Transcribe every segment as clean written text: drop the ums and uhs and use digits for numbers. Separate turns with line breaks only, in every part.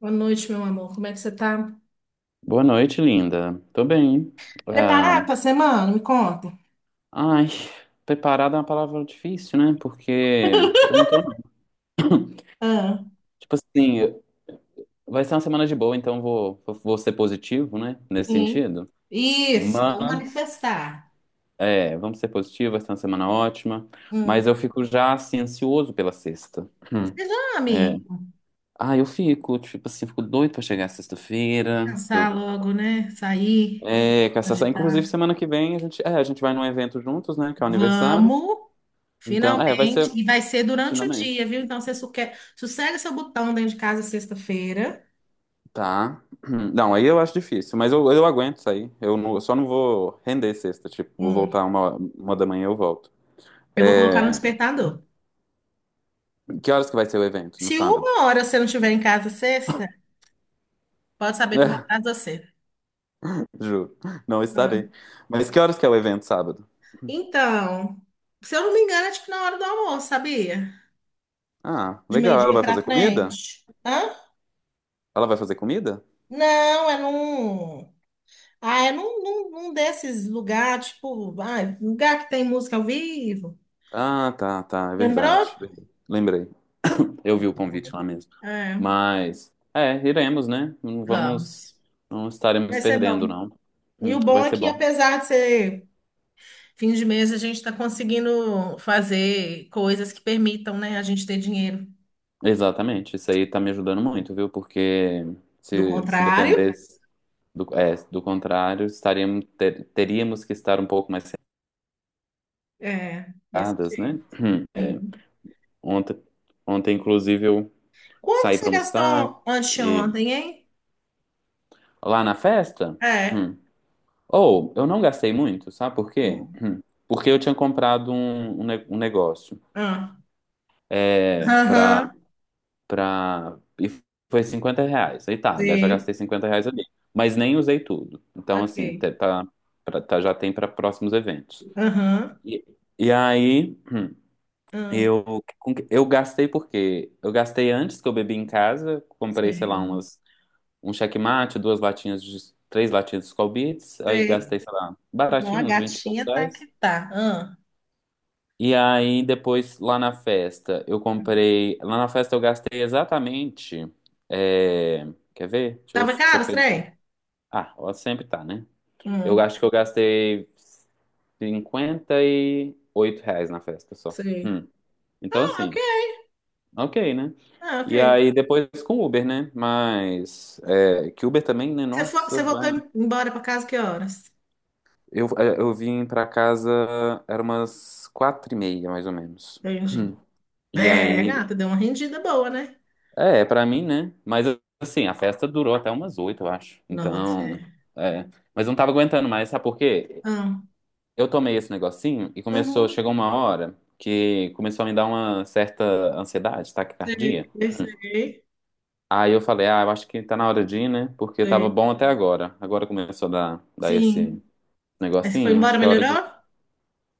Boa noite, meu amor. Como é que você tá?
Boa noite, linda. Tô bem.
Preparado
Ah,
para a semana? Me conta.
ai, preparada é uma palavra difícil, né? Porque eu não tô, não.
Ah,
Tipo assim, vai ser uma semana de boa, então vou ser positivo, né? Nesse
sim.
sentido.
Isso, vamos
Mas,
manifestar.
vamos ser positivo, vai ser uma semana ótima. Mas
Hum.
eu fico já, assim, ansioso pela sexta.
Seja
É.
amigo.
Ah, eu fico, tipo assim, fico doido pra chegar sexta-feira. Pra Eu,
Pensar logo, né? Sair,
é, com essa- Inclusive,
agitar.
semana que vem a gente vai num evento juntos, né? Que é o aniversário.
Vamos,
Então, é, vai
finalmente.
ser.
E vai ser durante o dia,
Finalmente.
viu? Então, você sossega seu botão dentro de casa sexta-feira.
Tá. Não, aí eu acho difícil, mas eu aguento sair. Eu só não vou render sexta, tipo, vou
Hum.
voltar 1 da manhã eu volto.
Eu vou colocar no
É,
despertador.
que horas que vai ser o evento? No
Se
sábado?
uma hora você não estiver em casa sexta, pode saber que eu vou
É,
atrás de você.
juro, não estarei. Mas que horas que é o evento sábado?
Então, se eu não me engano, é tipo na hora do almoço, sabia?
Ah,
De
legal. Ela
meio-dia
vai
pra
fazer comida?
frente. Hã?
Ela vai fazer comida?
Não, é num. Ah, é num desses lugares, tipo, ai, lugar que tem música ao vivo.
Tá, é
Lembrou?
verdade. É verdade. Lembrei. Eu vi o convite lá mesmo.
É,
Mas, é, iremos, né? Não vamos,
vamos.
não estaremos
Vai ser
perdendo,
bom.
não.
E o bom
Vai
é
ser
que,
bom.
apesar de ser fim de mês, a gente está conseguindo fazer coisas que permitam, né, a gente ter dinheiro.
Exatamente, isso aí tá me ajudando muito, viu? Porque
Do
se
contrário,
dependesse do contrário, teríamos que estar um pouco mais
é, desse
cercadas, né?
jeito. Sim.
Ontem, Ontem, inclusive, eu
Quanto que
saí para
você
almoçar
gastou
e
anteontem, hein?
lá na festa,
É.
hum, ou eu não gastei muito, sabe por quê?
Hum.
Porque eu tinha comprado um negócio
Ah.
é, para
Aham.
pra... E foi R$ 50. Aí tá, já
Sei.
gastei R$ 50 ali. Mas nem usei tudo.
Ok.
Já tem para próximos eventos.
Aham.
E, e aí,
Ah.
eu, eu gastei porque eu gastei antes que eu bebi em casa. Comprei, sei lá,
Sei.
umas, um checkmate, duas latinhas de... Três latinhas de Skol Beats. Aí
Sei.
gastei, sei lá,
Não, a
baratinho, uns 20 e poucos
gatinha tá que
reais.
tá. Ah.
E aí, depois, lá na festa, eu comprei. Lá na festa, eu gastei exatamente. É, quer ver?
Tava
Deixa eu
caro, os
pensar.
trem?
Ah, ó, sempre tá, né? Eu
Hum.
acho que eu gastei R$ 58 na festa só.
Sei.
Hum. Então,
Ah, ok.
assim, ok, né?
Ah,
E
ok.
aí, depois com Uber, né? Mas. É... Que Uber também, né?
Você, foi,
Nossa,
você voltou
vai.
embora pra casa que horas?
Eu vim pra casa, era umas 4:30, mais ou menos.
Entendi.
E
É,
aí,
gata, deu uma rendida boa, né?
é, pra mim, né? Mas assim, a festa durou até umas oito, eu acho.
Não, boto
Então,
fé.
é. Mas eu não tava aguentando mais, sabe por quê?
Ah.
Eu tomei esse negocinho e começou,
Uhum.
chegou uma hora que começou a me dar uma certa ansiedade,
Sei,
taquicardia.
sei,
Aí eu falei, ah, eu acho que tá na hora de ir, né? Porque tava
sei.
bom até agora. Agora começou a dar
Sim.
esse
Aí você foi
negocinho, acho
embora,
que é hora
melhorou?
de.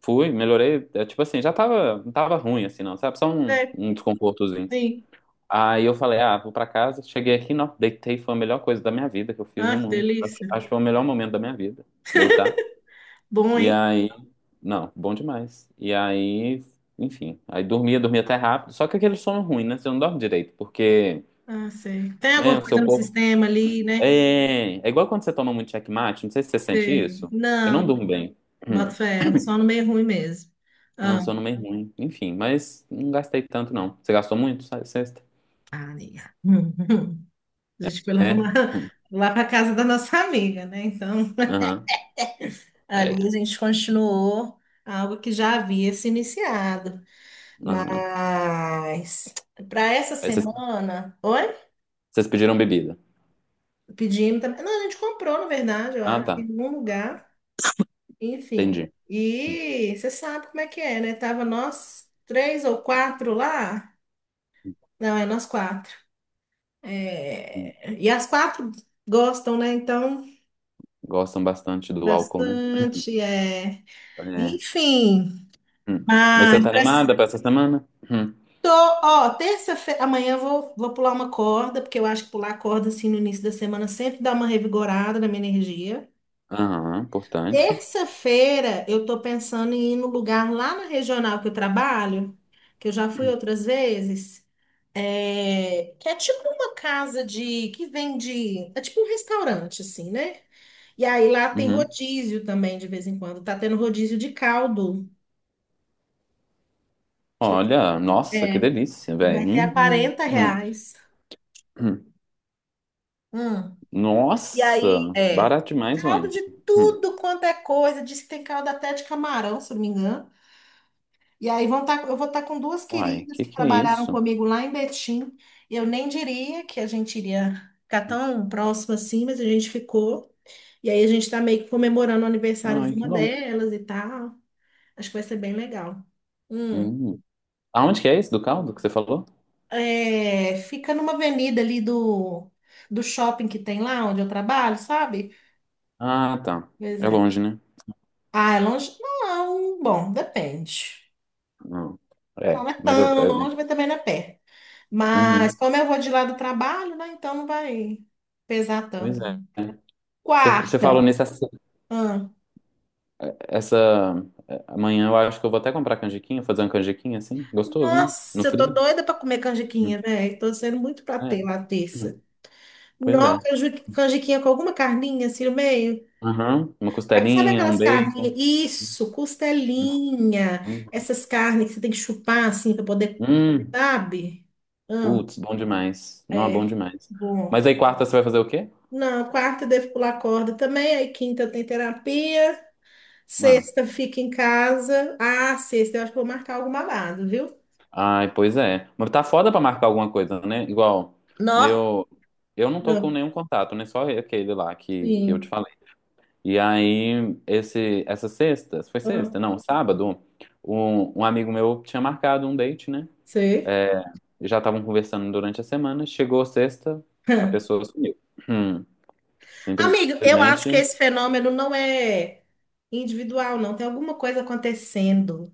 Fui, melhorei. É, tipo assim, já tava, não tava ruim assim, não, sabe? Só
Sei.
um desconfortozinho.
Sim.
Aí eu falei, ah, vou pra casa. Cheguei aqui, não, deitei, foi a melhor coisa da minha vida que eu fiz no
Ah, que
mundo.
delícia.
Acho que foi o melhor momento da minha vida, deitar.
Bom,
E
hein?
aí, não, bom demais. E aí, enfim, aí dormia até rápido. Só que aquele sono ruim, né? Você não dorme direito, porque,
Ah, sei. Tem
né,
alguma
o
coisa
seu
no
corpo.
sistema ali, né?
É, é igual quando você toma muito checkmate, não sei se você sente
Sei.
isso. Eu não
Não,
durmo bem.
bota
Hum,
fé, é só no meio ruim mesmo.
É
Ah,
um sono meio ruim. Enfim, mas não gastei tanto, não. Você gastou muito, sabe, sexta?
ah, amiga. Hum. A gente foi lá
É?
para
Hum,
lá para casa da nossa amiga, né? Então,
Aham,
ali a
é,
gente continuou algo que já havia se iniciado.
aham.
Mas para essa
Aí você
semana, oi?
Vocês pediram bebida.
Pedimos também. Não, a gente comprou, na verdade, eu
Ah,
acho, em
tá.
algum lugar. Enfim.
Entendi.
E você sabe como é que é, né? Tava nós três ou quatro lá. Não, é nós quatro. É, e as quatro gostam, né? Então,
Gostam bastante do álcool, né?
bastante. É...
É.
Enfim,
Hum. Mas
mas
você tá animada para essa semana? Hum.
tô, ó, terça-feira, amanhã eu vou pular uma corda, porque eu acho que pular corda assim no início da semana sempre dá uma revigorada na minha energia.
Aham, importante.
Terça-feira eu tô pensando em ir no lugar lá na regional que eu trabalho, que eu já fui outras vezes, é, que é tipo uma casa de que vende, é tipo um restaurante assim, né? E aí lá tem
Uhum.
rodízio também de vez em quando. Tá tendo rodízio de caldo.
Olha, nossa,
É,
que delícia,
e
velho.
vai ser a
Hum,
quarenta
hum,
reais.
hum.
Hum. E aí,
Nossa, barato demais,
caldo
ué.
de
Hum.
tudo quanto é coisa. Diz que tem caldo até de camarão, se eu não me engano. E aí eu vou estar com duas
Uai,
queridas que
que é
trabalharam
isso?
comigo lá em Betim. Eu nem diria que a gente iria ficar tão próximo assim, mas a gente ficou. E aí a gente está meio que comemorando o aniversário de
Ai, que
uma
bom.
delas e tal. Acho que vai ser bem legal. Hum.
Hum. Aonde que é esse do caldo que você falou?
É, fica numa avenida ali do shopping que tem lá onde eu trabalho, sabe?
Ah, tá.
Pois
É
é.
longe, né?
Ah, é longe? Não, bom, depende.
Hum. É,
Não é
mas eu.
tão
é-
longe, mas também não é perto. Mas
Uhum.
como eu vou de lá do trabalho, né? Então não vai pesar
Pois
tanto.
é. Você você falou
Quarta.
nesse
Ah,
Essa. É, amanhã eu acho que eu vou até comprar canjiquinha, fazer uma canjiquinha assim. Gostoso, né? No
nossa, eu tô
frio.
doida pra comer
Hum,
canjiquinha, velho. Tô sendo muito pra
É.
ter lá terça.
Hum, Pois
Nossa,
é.
canjiquinha com alguma carninha assim no meio.
Aham, uma
Aí, sabe
costelinha, um
aquelas carninhas?
bacon.
Isso, costelinha.
Hum,
Essas carnes que você tem que chupar assim pra poder,
hum.
sabe? Amo.
Putz, bom demais. Não, bom
É,
demais.
bom.
Mas aí quarta você vai fazer o quê?
Não, quarta eu devo pular corda também. Aí quinta eu tenho terapia.
Ah.
Sexta fica em casa. Ah, sexta, eu acho que vou marcar algum babado, viu?
Ai, pois é. Mas tá foda pra marcar alguma coisa, né? Igual,
Nó,
meu. Eu não tô com
ah,
nenhum contato, né? Só aquele lá que eu te
sim.
falei. Essa sexta, foi
Ah,
sexta? Não, sábado, um amigo meu tinha marcado um date, né?
sei.
É, já estavam conversando durante a semana. Chegou sexta, a
Ah.
pessoa sumiu. Hum,
Amigo, eu acho que
simplesmente.
esse fenômeno não é individual, não. Tem alguma coisa acontecendo.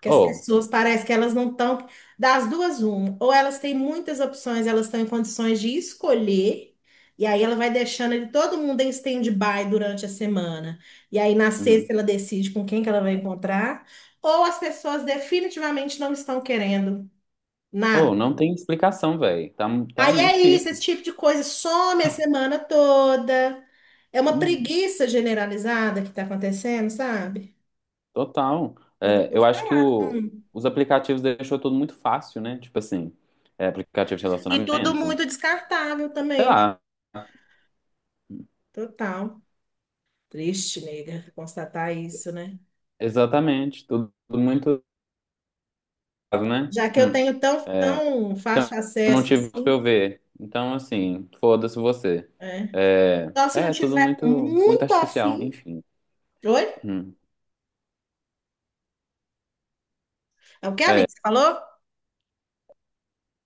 Que as
Oh,
pessoas parece que elas não estão. Das duas, uma. Ou elas têm muitas opções, elas estão em condições de escolher, e aí ela vai deixando ele, todo mundo em stand-by durante a semana. E aí na
uhum.
sexta ela decide com quem que ela vai encontrar. Ou as pessoas definitivamente não estão querendo
Oh,
nada.
não tem explicação, velho. Tá, tá
Aí
muito
é isso,
difícil.
esse tipo de coisa some a semana toda. É uma
Uhum,
preguiça generalizada que está acontecendo, sabe?
total.
Então,
É,
depois
eu
tá
acho que
lá.
o,
Hum.
os aplicativos deixou tudo muito fácil, né? Tipo assim, é, aplicativo de
E tudo
relacionamento.
muito descartável
Sei
também,
lá.
total. Triste, nega, constatar isso, né?
Exatamente. Tudo muito. Né?
Já que eu
Hum.
tenho tão,
É,
tão
então,
fácil
eu não
acesso
tive pra
assim,
eu ver. Então, assim, foda-se você.
é.
É,
Só se não
é tudo
tiver
muito
muito
artificial,
afim.
enfim.
Oi?
Hum.
É o que,
É,
amigo? Você falou?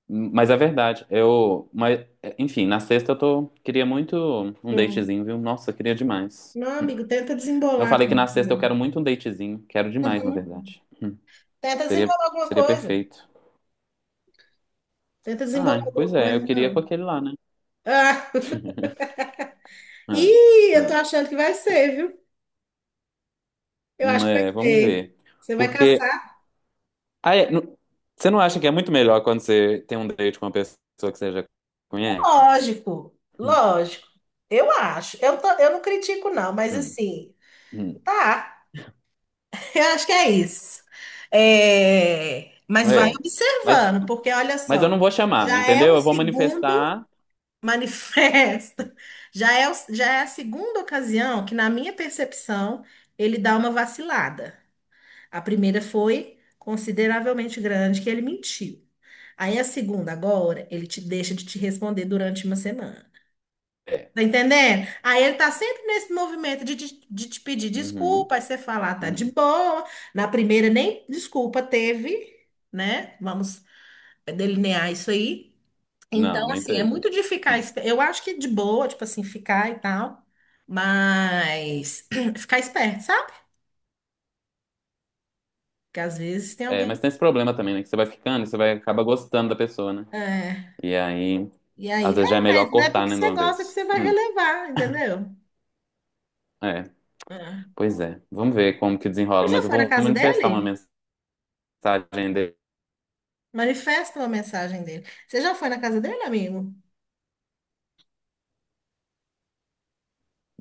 mas é verdade. Enfim, na sexta eu tô, queria muito um
Hum.
datezinho, viu? Nossa, queria demais.
Não, amigo, tenta
Eu
desembolar.
falei que na sexta eu quero muito um datezinho. Quero demais, na
Uhum.
verdade. Hum.
Tenta
Seria,
desembolar alguma
seria
coisa.
perfeito.
Tenta desembolar
Ah,
alguma
pois é, eu
coisa,
queria com
não.
aquele lá, né?
Ah,
É,
ih, eu
é.
tô achando que vai ser, viu? Eu acho que vai
É, vamos
ser.
ver.
Você vai
Porque
caçar?
Ah, é, não- Você não acha que é muito melhor quando você tem um date com uma pessoa que você já conhece?
Lógico,
Hum,
lógico. Eu acho. Eu não critico, não, mas
hum,
assim,
hum.
tá. Eu acho que é isso. É, mas vai
É. Mas,
observando, porque olha
mas eu
só,
não vou chamar,
já é
entendeu?
o
Eu vou
segundo
manifestar.
manifesto, já é a segunda ocasião que, na minha percepção, ele dá uma vacilada. A primeira foi consideravelmente grande, que ele mentiu. Aí a segunda, agora, ele te deixa de te responder durante uma semana.
É.
Tá entendendo? Aí ele tá sempre nesse movimento de te pedir
Uhum,
desculpa, aí você falar tá de
uhum.
boa. Na primeira nem desculpa teve, né? Vamos delinear isso aí.
Não,
Então,
nem
assim, é
teve.
muito de ficar.
Hum.
Eu acho que de boa, tipo assim, ficar e tal, mas ficar esperto, sabe? Porque às vezes tem
É,
alguém.
mas tem esse problema também, né? Que você vai ficando e você vai acaba gostando da pessoa, né?
É,
E aí,
e aí,
às vezes já é melhor
mas não é
cortar,
porque
né, de
você
uma
gosta que
vez.
você vai
Hum.
relevar, entendeu?
É.
É.
Pois é. Vamos ver como que desenrola.
Você já
Mas eu
foi na
vou
casa
manifestar uma
dele?
mensagem dele.
Manifesta uma mensagem dele. Você já foi na casa dele, amigo?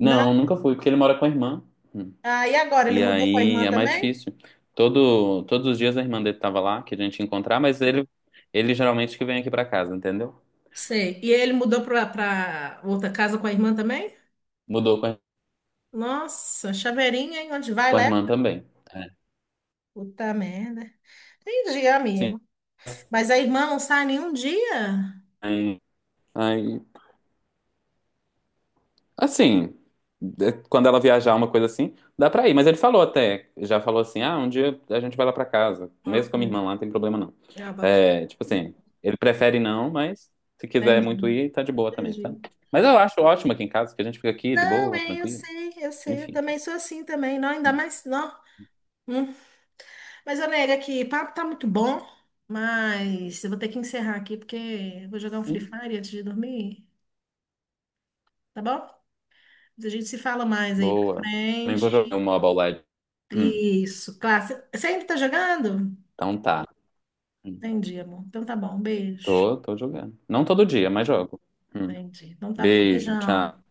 Não?
nunca fui, porque ele mora com a irmã. Hum.
Ah, e agora? Ele
E
mudou com a
aí
irmã
é mais
também?
difícil. Todos os dias a irmã dele tava lá, que a gente ia encontrar, ele geralmente que vem aqui pra casa, entendeu?
Sei. E ele mudou pra, pra outra casa com a irmã também?
Mudou com a,
Nossa, chaveirinha, hein? Onde vai,
com a
leva?
irmã também. É.
Puta merda. Entendi,
Sim.
amigo. Mas a irmã não sai nenhum dia?
Aí, aí, assim, é, quando ela viajar, uma coisa assim, dá pra ir. Mas ele falou até, já falou assim, ah, um dia a gente vai lá pra casa,
Ah,
mesmo com a minha
hum.
irmã lá, não tem problema não.
Ah, boto-
É, tipo assim, ele prefere não, mas se quiser muito
Entendi,
ir, tá de boa também, sabe?
entendi.
Mas eu acho ótimo aqui em casa, que a gente fica aqui de
Não,
boa,
é, eu
tranquilo,
sei, eu sei, eu
enfim.
também sou assim também, não, ainda mais, não. Hum. Mas, eu nego que papo tá muito bom, mas eu vou ter que encerrar aqui porque eu vou jogar um Free
Sim.
Fire antes de dormir, tá bom? A gente se fala mais aí pra
Boa. Também vou jogar o
frente.
Mobile Legends. Hum,
Isso, claro. Você ainda tá jogando?
então tá. Hum,
Entendi, amor. Então tá bom, um beijo.
tô, tô jogando. Não todo dia, mas jogo. Hum,
Entendi. Então tá,
Beijo,
beijão.
tchau.